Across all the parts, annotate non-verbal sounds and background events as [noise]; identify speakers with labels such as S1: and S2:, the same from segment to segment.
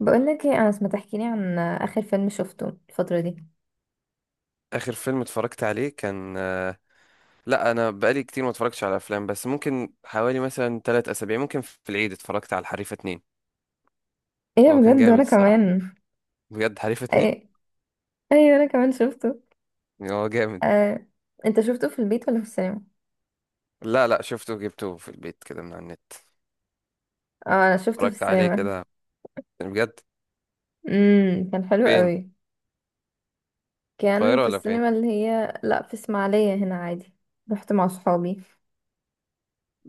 S1: بقولك ايه انس ما تحكيلي عن اخر فيلم شفته الفترة دي؟
S2: اخر فيلم اتفرجت عليه كان لا انا بقالي كتير ما اتفرجتش على افلام، بس ممكن حوالي مثلا ثلاث اسابيع. ممكن في العيد اتفرجت على الحريفه اتنين.
S1: ايه
S2: هو كان
S1: بجد،
S2: جامد
S1: وانا
S2: الصراحه،
S1: كمان.
S2: بجد حريفه اتنين.
S1: ايه، ايوه، انا كمان شفته.
S2: هو جامد.
S1: آه. انت شفته في البيت ولا في السينما؟
S2: لا شفته، جبته في البيت كده من على النت.
S1: اه، انا شفته في
S2: اتفرجت عليه
S1: السينما.
S2: كده بجد.
S1: كان حلو
S2: فين؟
S1: قوي.
S2: في
S1: كان
S2: القاهره
S1: في
S2: ولا فين؟
S1: السينما اللي هي لا في اسماعيلية هنا عادي. رحت مع صحابي.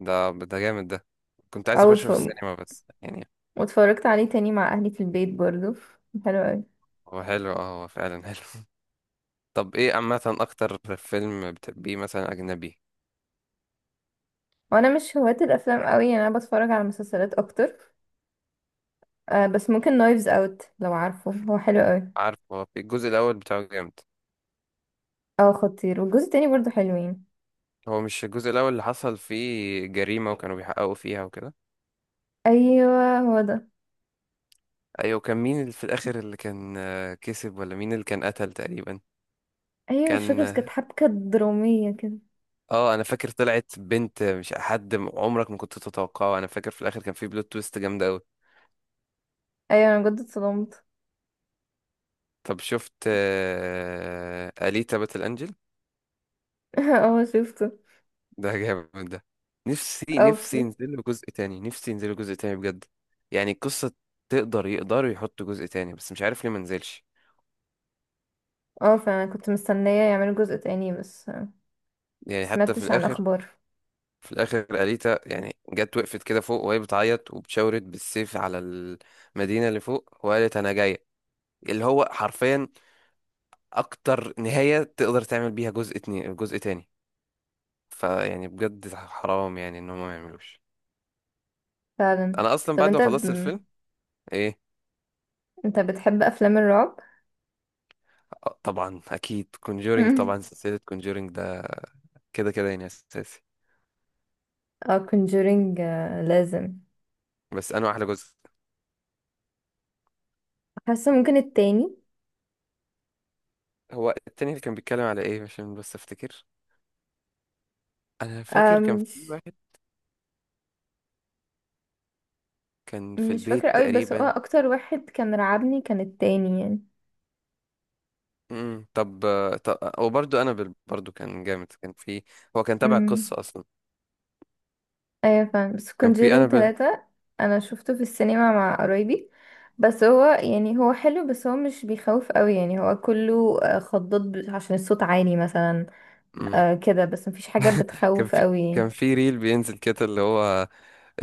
S2: ده جامد ده. كنت عايز
S1: او
S2: اخشه
S1: اتف...
S2: في السينما بس يعني.
S1: واتفرجت عليه تاني مع اهلي في البيت برضو. كان حلو قوي.
S2: هو حلو، اه هو فعلا حلو. [laughs] طب ايه عامه اكتر فيلم بتحبيه مثلا اجنبي؟
S1: وانا مش هواة الافلام قوي يعني، انا بتفرج على مسلسلات اكتر. بس ممكن نايفز اوت، لو عارفه هو حلو قوي.
S2: عارف هو في الجزء الاول بتاعه جامد.
S1: اه، خطير، والجزء التاني برضو حلوين.
S2: هو مش الجزء الأول اللي حصل فيه جريمة وكانوا بيحققوا فيها وكده؟
S1: ايوه، هو ده.
S2: أيوة، كان مين اللي في الآخر اللي كان كسب، ولا مين اللي كان قتل تقريبا؟
S1: ايوه، مش
S2: كان،
S1: فاكرة، بس كانت حبكة درامية كده.
S2: اه انا فاكر طلعت بنت مش حد عمرك ما كنت تتوقعه. انا فاكر في الاخر كان في بلوت تويست جامده قوي.
S1: ايوه، انا بجد اتصدمت.
S2: طب شفت اليتا باتل انجل؟
S1: [laughs] اه، شفته.
S2: ده [laughs] جامد ده. نفسي
S1: اه،
S2: نفسي
S1: في.
S2: ينزلوا جزء تاني، نفسي ينزلوا جزء تاني بجد. يعني القصه، يقدروا يحطوا جزء تاني، بس مش عارف ليه ما نزلش.
S1: اه، فعلا كنت مستنية يعملوا جزء تاني، بس
S2: يعني حتى في
S1: مسمعتش عن
S2: الاخر،
S1: اخبار.
S2: في الاخر اليتا يعني جت وقفت كده فوق وهي بتعيط وبتشاورت بالسيف على المدينه اللي فوق وقالت انا جايه. اللي هو حرفيا اكتر نهايه تقدر تعمل بيها جزء اتنين، جزء تاني. فيعني بجد حرام يعني ان هم ما يعملوش.
S1: فعلا.
S2: انا اصلا
S1: طب
S2: بعد
S1: انت
S2: ما
S1: ب...
S2: خلصت الفيلم. ايه؟
S1: انت بتحب افلام الرعب؟ [laughs]
S2: طبعا اكيد كونجورينج،
S1: مم.
S2: طبعا سلسله كونجورينج ده كده كده يعني اساسي.
S1: اه، كونجورينج. لازم.
S2: بس انا احلى جزء
S1: حاسة ممكن التاني.
S2: هو التاني، اللي كان بيتكلم على ايه؟ عشان بس افتكر، انا
S1: آه،
S2: فاكر كان في
S1: مش
S2: واحد كان في
S1: مش فاكرة
S2: البيت
S1: قوي، بس هو
S2: تقريبا.
S1: اكتر واحد كان رعبني كان التاني يعني.
S2: طب، طب وبرده انابل برضو كان جامد. كان في، هو كان تابع
S1: مم.
S2: القصه اصلا.
S1: ايوه، فاهم، بس
S2: كان في
S1: كونجيرينج
S2: انابل.
S1: 3. انا شفته في السينما مع قرايبي. بس هو يعني هو حلو، بس هو مش بيخوف قوي يعني، هو كله خضات عشان الصوت عالي مثلا.
S2: امم
S1: آه، كده، بس مفيش حاجة
S2: كان
S1: بتخوف
S2: في
S1: قوي [laughs] يعني.
S2: كان في ريل بينزل كده، اللي هو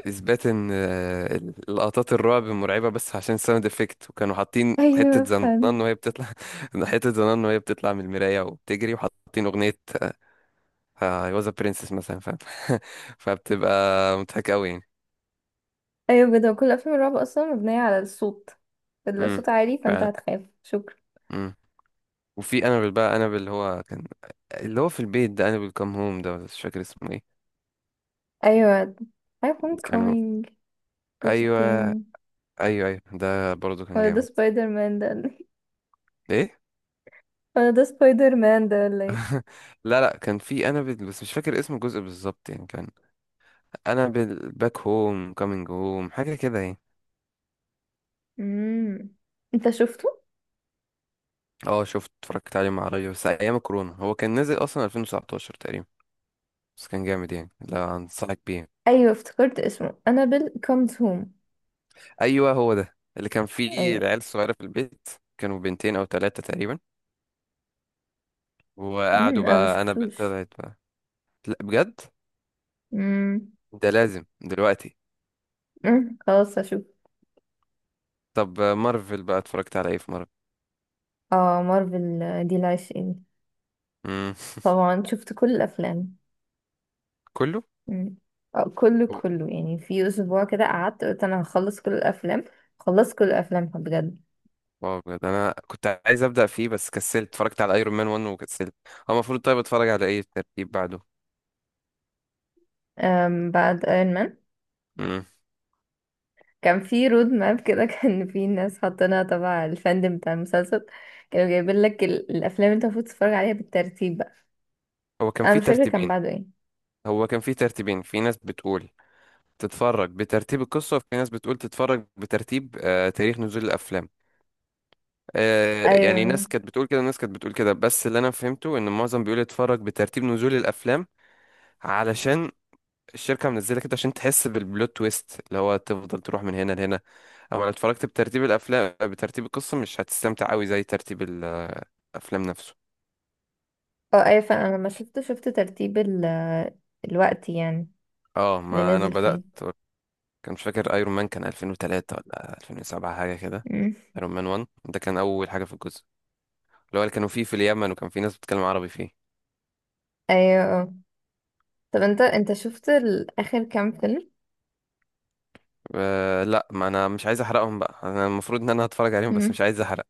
S2: اثبات ان لقطات الرعب مرعبه بس عشان ساوند افكت، وكانوا حاطين حته
S1: ايوه،
S2: زنان
S1: فاهم.
S2: وهي بتطلع [laughs] حته زنان وهي بتطلع من المرايه وبتجري، وحاطين اغنيه "اي واز ا برنسس" مثلا، فاهم؟ [laughs] فبتبقى مضحكه قوي يعني.
S1: ايوه بجد، هو كل افلام الرعب اصلا مبنية على الصوت.
S2: امم
S1: الصوت عالي فانت
S2: فعلا.
S1: هتخاف، شكرا.
S2: وفي انابل بقى، انابل اللي هو كان، اللي هو في البيت، ده انابل كام هوم ده ولا مش فاكر اسمه ايه.
S1: ايوه. I am
S2: كانوا.
S1: coming. الجزء
S2: ايوه.
S1: التاني.
S2: ايوه ايوه ده برضه كان
S1: ولا ده
S2: جامد.
S1: سبايدر مان ده؟ [laughs]
S2: ايه؟
S1: ولا ده سبايدر مان ده، ولا ايه؟
S2: لا كان في انابل بس مش فاكر اسم الجزء بالظبط يعني. كان انابل باك هوم، كامينج هوم، حاجه كده يعني.
S1: مم. انت شفته؟
S2: اه شفت، اتفرجت عليه مع ريا بس ايام كورونا، هو كان نازل اصلا 2019 تقريبا. بس كان جامد يعني، لا انصحك بيه.
S1: ايوه، افتكرت اسمه انابل كومز هوم.
S2: ايوه هو ده اللي كان فيه
S1: ايوه.
S2: العيال الصغيره في البيت. كانوا بنتين او ثلاثه تقريبا، وقعدوا
S1: انا ما
S2: بقى انا
S1: شفتوش.
S2: طلعت. لا بجد،
S1: امم.
S2: ده لازم دلوقتي.
S1: خلاص هشوف.
S2: طب مارفل بقى اتفرجت على ايه في مارفل؟
S1: اه، مارفل، دي العشقين.
S2: امم
S1: طبعا شفت كل الافلام.
S2: كله.
S1: أمم. كله
S2: هو-
S1: كله يعني، في اسبوع كده قعدت قلت انا هخلص كل الافلام. خلصت كل الافلام بجد.
S2: واو بجد انا كنت عايز ابدا فيه بس كسلت. اتفرجت على ايرون مان 1 وكسلت. هو المفروض طيب اتفرج على ايه الترتيب بعده؟
S1: بعد ايرون مان.
S2: امم
S1: كان في رود ماب كده [laughs] كان في ناس حاطينها تبع الفاندم بتاع المسلسل. كانوا جايبين لك الافلام اللي انت المفروض تتفرج عليها بالترتيب بقى.
S2: هو كان
S1: انا
S2: في
S1: مش فاكره كان
S2: ترتيبين
S1: بعده ايه.
S2: هو كان في ترتيبين في ناس بتقول تتفرج بترتيب القصة، وفي ناس بتقول تتفرج بترتيب آه تاريخ نزول الأفلام. آه يعني
S1: ايوه،
S2: ناس كانت بتقول كده وناس كانت بتقول كده، بس اللي أنا فهمته إن معظم بيقول اتفرج بترتيب نزول الأفلام. علشان الشركة منزلة كده عشان تحس بالبلوت تويست، اللي هو تفضل تروح من هنا لهنا. اما لو اتفرجت بترتيب الافلام، بترتيب القصة، مش هتستمتع قوي زي ترتيب الافلام نفسه.
S1: اه. ايوه فعلا، انا لما شفت، ترتيب ال الوقت يعني.
S2: اه
S1: اللي
S2: ما انا
S1: نازل
S2: بدأت.
S1: فيه.
S2: كان مش فاكر ايرون مان كان 2003 ولا 2007 حاجة كده.
S1: مم.
S2: ايرون مان 1 ده كان اول حاجة في الجزء، اللي هو اللي كانوا فيه في اليمن وكان في ناس بتتكلم عربي فيه.
S1: ايوه، اه. طب انت، شفت اخر كام فيلم؟
S2: أه لا ما انا مش عايز احرقهم بقى، انا المفروض ان انا هتفرج عليهم بس
S1: مم.
S2: مش عايز احرق.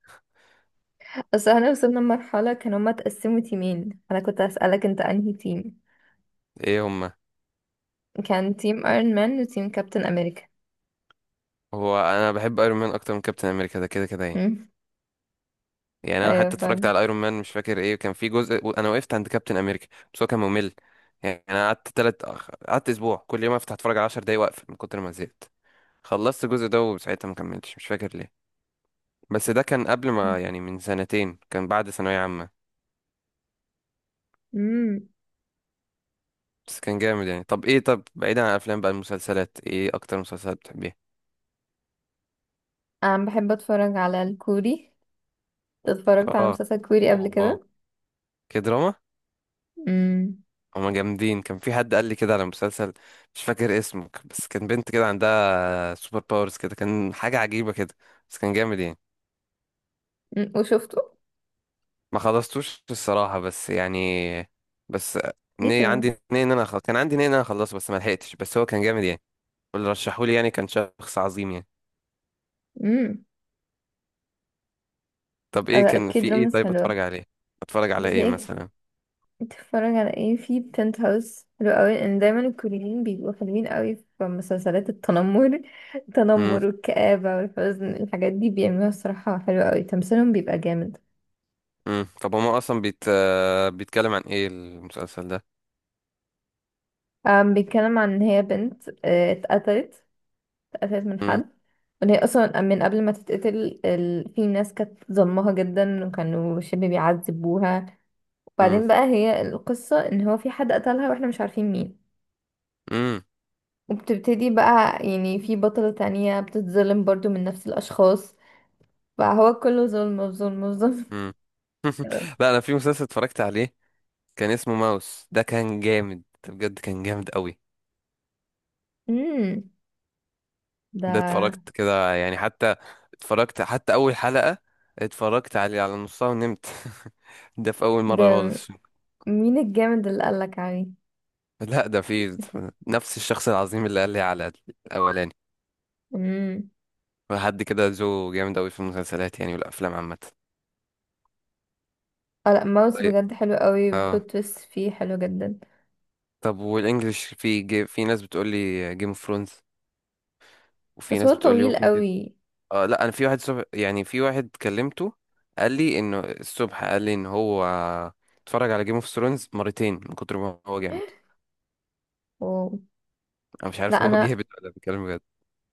S1: اصل احنا وصلنا لمرحلة كانوا هما اتقسموا تيمين، انا كنت اسألك انت انهي تيم.
S2: ايه هما؟
S1: كان تيم ايرون مان وتيم كابتن امريكا.
S2: هو انا بحب ايرون مان اكتر من كابتن امريكا ده كده كده يعني.
S1: مم.
S2: يعني انا
S1: ايوه
S2: حتى اتفرجت
S1: فعلا.
S2: على ايرون مان مش فاكر ايه، كان في جزء انا وقفت عند كابتن امريكا. بس هو كان ممل يعني. انا قعدت قعدت اسبوع كل يوم افتح اتفرج على 10 دقايق واقفل من كتر ما زهقت. خلصت الجزء ده وساعتها ما كملتش، مش فاكر ليه. بس ده كان قبل ما يعني، من سنتين، كان بعد ثانوية عامة.
S1: مم.
S2: بس كان جامد يعني. طب ايه، طب بعيدا عن الافلام بقى، المسلسلات، ايه اكتر مسلسلات بتحبيها؟
S1: انا بحب اتفرج على الكوري. اتفرجت على
S2: اه،
S1: مسلسل كوري
S2: اوه
S1: قبل
S2: واو،
S1: كده.
S2: كدراما.
S1: مم.
S2: هما جامدين. كان في حد قال لي كده على مسلسل مش فاكر اسمه، بس كان بنت كده عندها سوبر باورز كده، كان حاجة عجيبة كده. بس كان جامد يعني.
S1: وشفته؟
S2: ما خلصتوش الصراحة بس يعني، بس
S1: ليه كده؟
S2: عندي نية ان انا خلص. كان عندي نية ان انا اخلصه بس ما لحقتش، بس هو كان جامد يعني. واللي رشحولي يعني كان شخص عظيم يعني.
S1: امم.
S2: طب ايه
S1: لا،
S2: كان في
S1: اكيد
S2: ايه
S1: رمز
S2: طيب
S1: حلوة.
S2: اتفرج عليه؟ اتفرج على
S1: بس
S2: ايه
S1: ايه؟
S2: مثلا؟
S1: بتتفرج على ايه؟ في بنت هاوس حلو قوي، لان دايما الكوريين بيبقوا حلوين قوي في مسلسلات التنمر. [laughs]
S2: امم
S1: التنمر والكآبة والحزن، الحاجات دي بيعملوها الصراحة حلوة قوي، تمثيلهم بيبقى جامد.
S2: امم طب هما اصلا بيتكلم عن ايه المسلسل ده؟
S1: بيتكلم عن ان هي بنت اتقتلت. اتقتلت من
S2: امم
S1: حد. وان هي اصلا من قبل ما تتقتل في ناس كانت ظلمها جدا، وكانوا شبه بيعذبوها.
S2: امم
S1: وبعدين بقى، هي القصة ان هو في حد قتلها، واحنا مش عارفين مين.
S2: امم
S1: وبتبتدي بقى يعني، في بطلة تانية بتتظلم برضو من نفس الأشخاص. فهو كله ظلم في ظلم في ظلم
S2: إمم.
S1: كده.
S2: لا انا في مسلسل اتفرجت عليه كان اسمه ماوس، ده كان جامد بجد، كان جامد قوي.
S1: امم. [laughs]
S2: ده
S1: ده
S2: اتفرجت كده يعني حتى، اتفرجت حتى اول حلقة اتفرجت عليه على نصها ونمت. [laughs] ده في اول مرة
S1: ده
S2: خالص.
S1: مين الجامد اللي قالك عليه؟
S2: لا ده في نفس الشخص العظيم اللي قال لي على الاولاني.
S1: امم.
S2: حد كده جو جامد قوي في المسلسلات يعني والافلام عامة.
S1: اه، لا، ماوس
S2: طيب.
S1: بجد حلو قوي،
S2: اه.
S1: بلوت تويست فيه حلو جدا.
S2: طب والانجليش؟ في ناس بتقول لي جيم اوف ثرونز، وفي
S1: بس هو
S2: ناس بتقول لي
S1: طويل
S2: ووكينج.
S1: قوي.
S2: اه لا انا في واحد صبح يعني، في واحد كلمته قال لي انه الصبح، قال لي ان هو اتفرج على جيم اوف ثرونز مرتين من كتر ما هو جامد.
S1: [gasps] أوه.
S2: انا مش
S1: لا،
S2: عارف هو [laughs]
S1: انا
S2: بيهبط ولا بيتكلم بجد.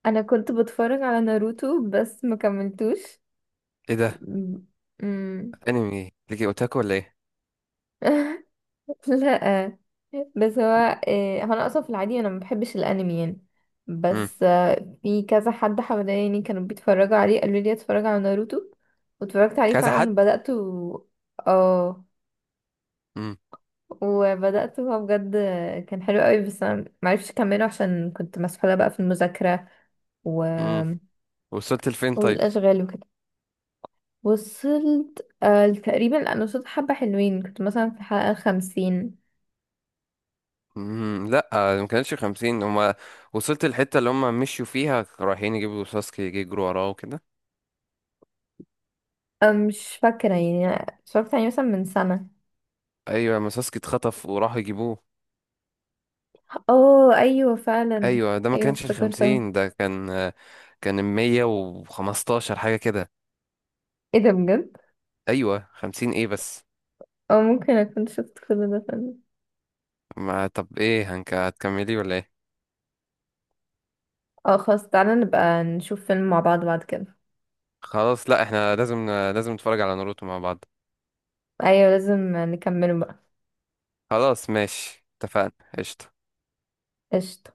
S1: انا كنت بتفرج على ناروتو، بس ما كملتوش.
S2: ايه ده،
S1: امم.
S2: انمي ليكي اوتاكو ولا ايه؟
S1: [laughs] لا. بس هو هو انا اصلا في العادي انا ما بحبش الانمي يعني.
S2: امم
S1: بس في كذا حد حواليني كانوا بيتفرجوا عليه، قالوا لي اتفرج على ناروتو. واتفرجت عليه
S2: كذا
S1: فعلا،
S2: حد.
S1: اه،
S2: امم
S1: وبدأت، هو بجد كان حلو قوي، بس انا معرفش اكمله عشان كنت مسحولة بقى في المذاكرة و...
S2: امم وصلت لفين طيب؟
S1: والاشغال وكده. وصلت تقريبا، انا وصلت حبة حلوين، كنت مثلا في الحلقة 50.
S2: لا ما كانش 50 هما. وصلت الحته اللي هما مشوا فيها رايحين يجيبوا ساسكي، يجي يجروا وراه وكده.
S1: مش فاكرة يعني، اتفرجت عليه مثلا من سنة.
S2: ايوه، ما ساسكي اتخطف وراحوا يجيبوه.
S1: اه ايوه فعلا.
S2: ايوه ده ما
S1: ايوه،
S2: كانش
S1: افتكرتها.
S2: الخمسين، ده كان، كان المية وخمستاشر حاجة كده.
S1: ايه ده بجد؟
S2: ايوه خمسين ايه بس.
S1: اه، ممكن اكون شفت كل ده فعلا.
S2: ما طب ايه، هنك هتكملي ولا ايه؟
S1: اه خلاص، تعالى نبقى نشوف فيلم مع بعض بعد كده.
S2: خلاص، لا احنا لازم نتفرج على ناروتو مع بعض.
S1: ايوه، لازم نكمله بقى.
S2: خلاص ماشي اتفقنا. قشطة.
S1: قشطة.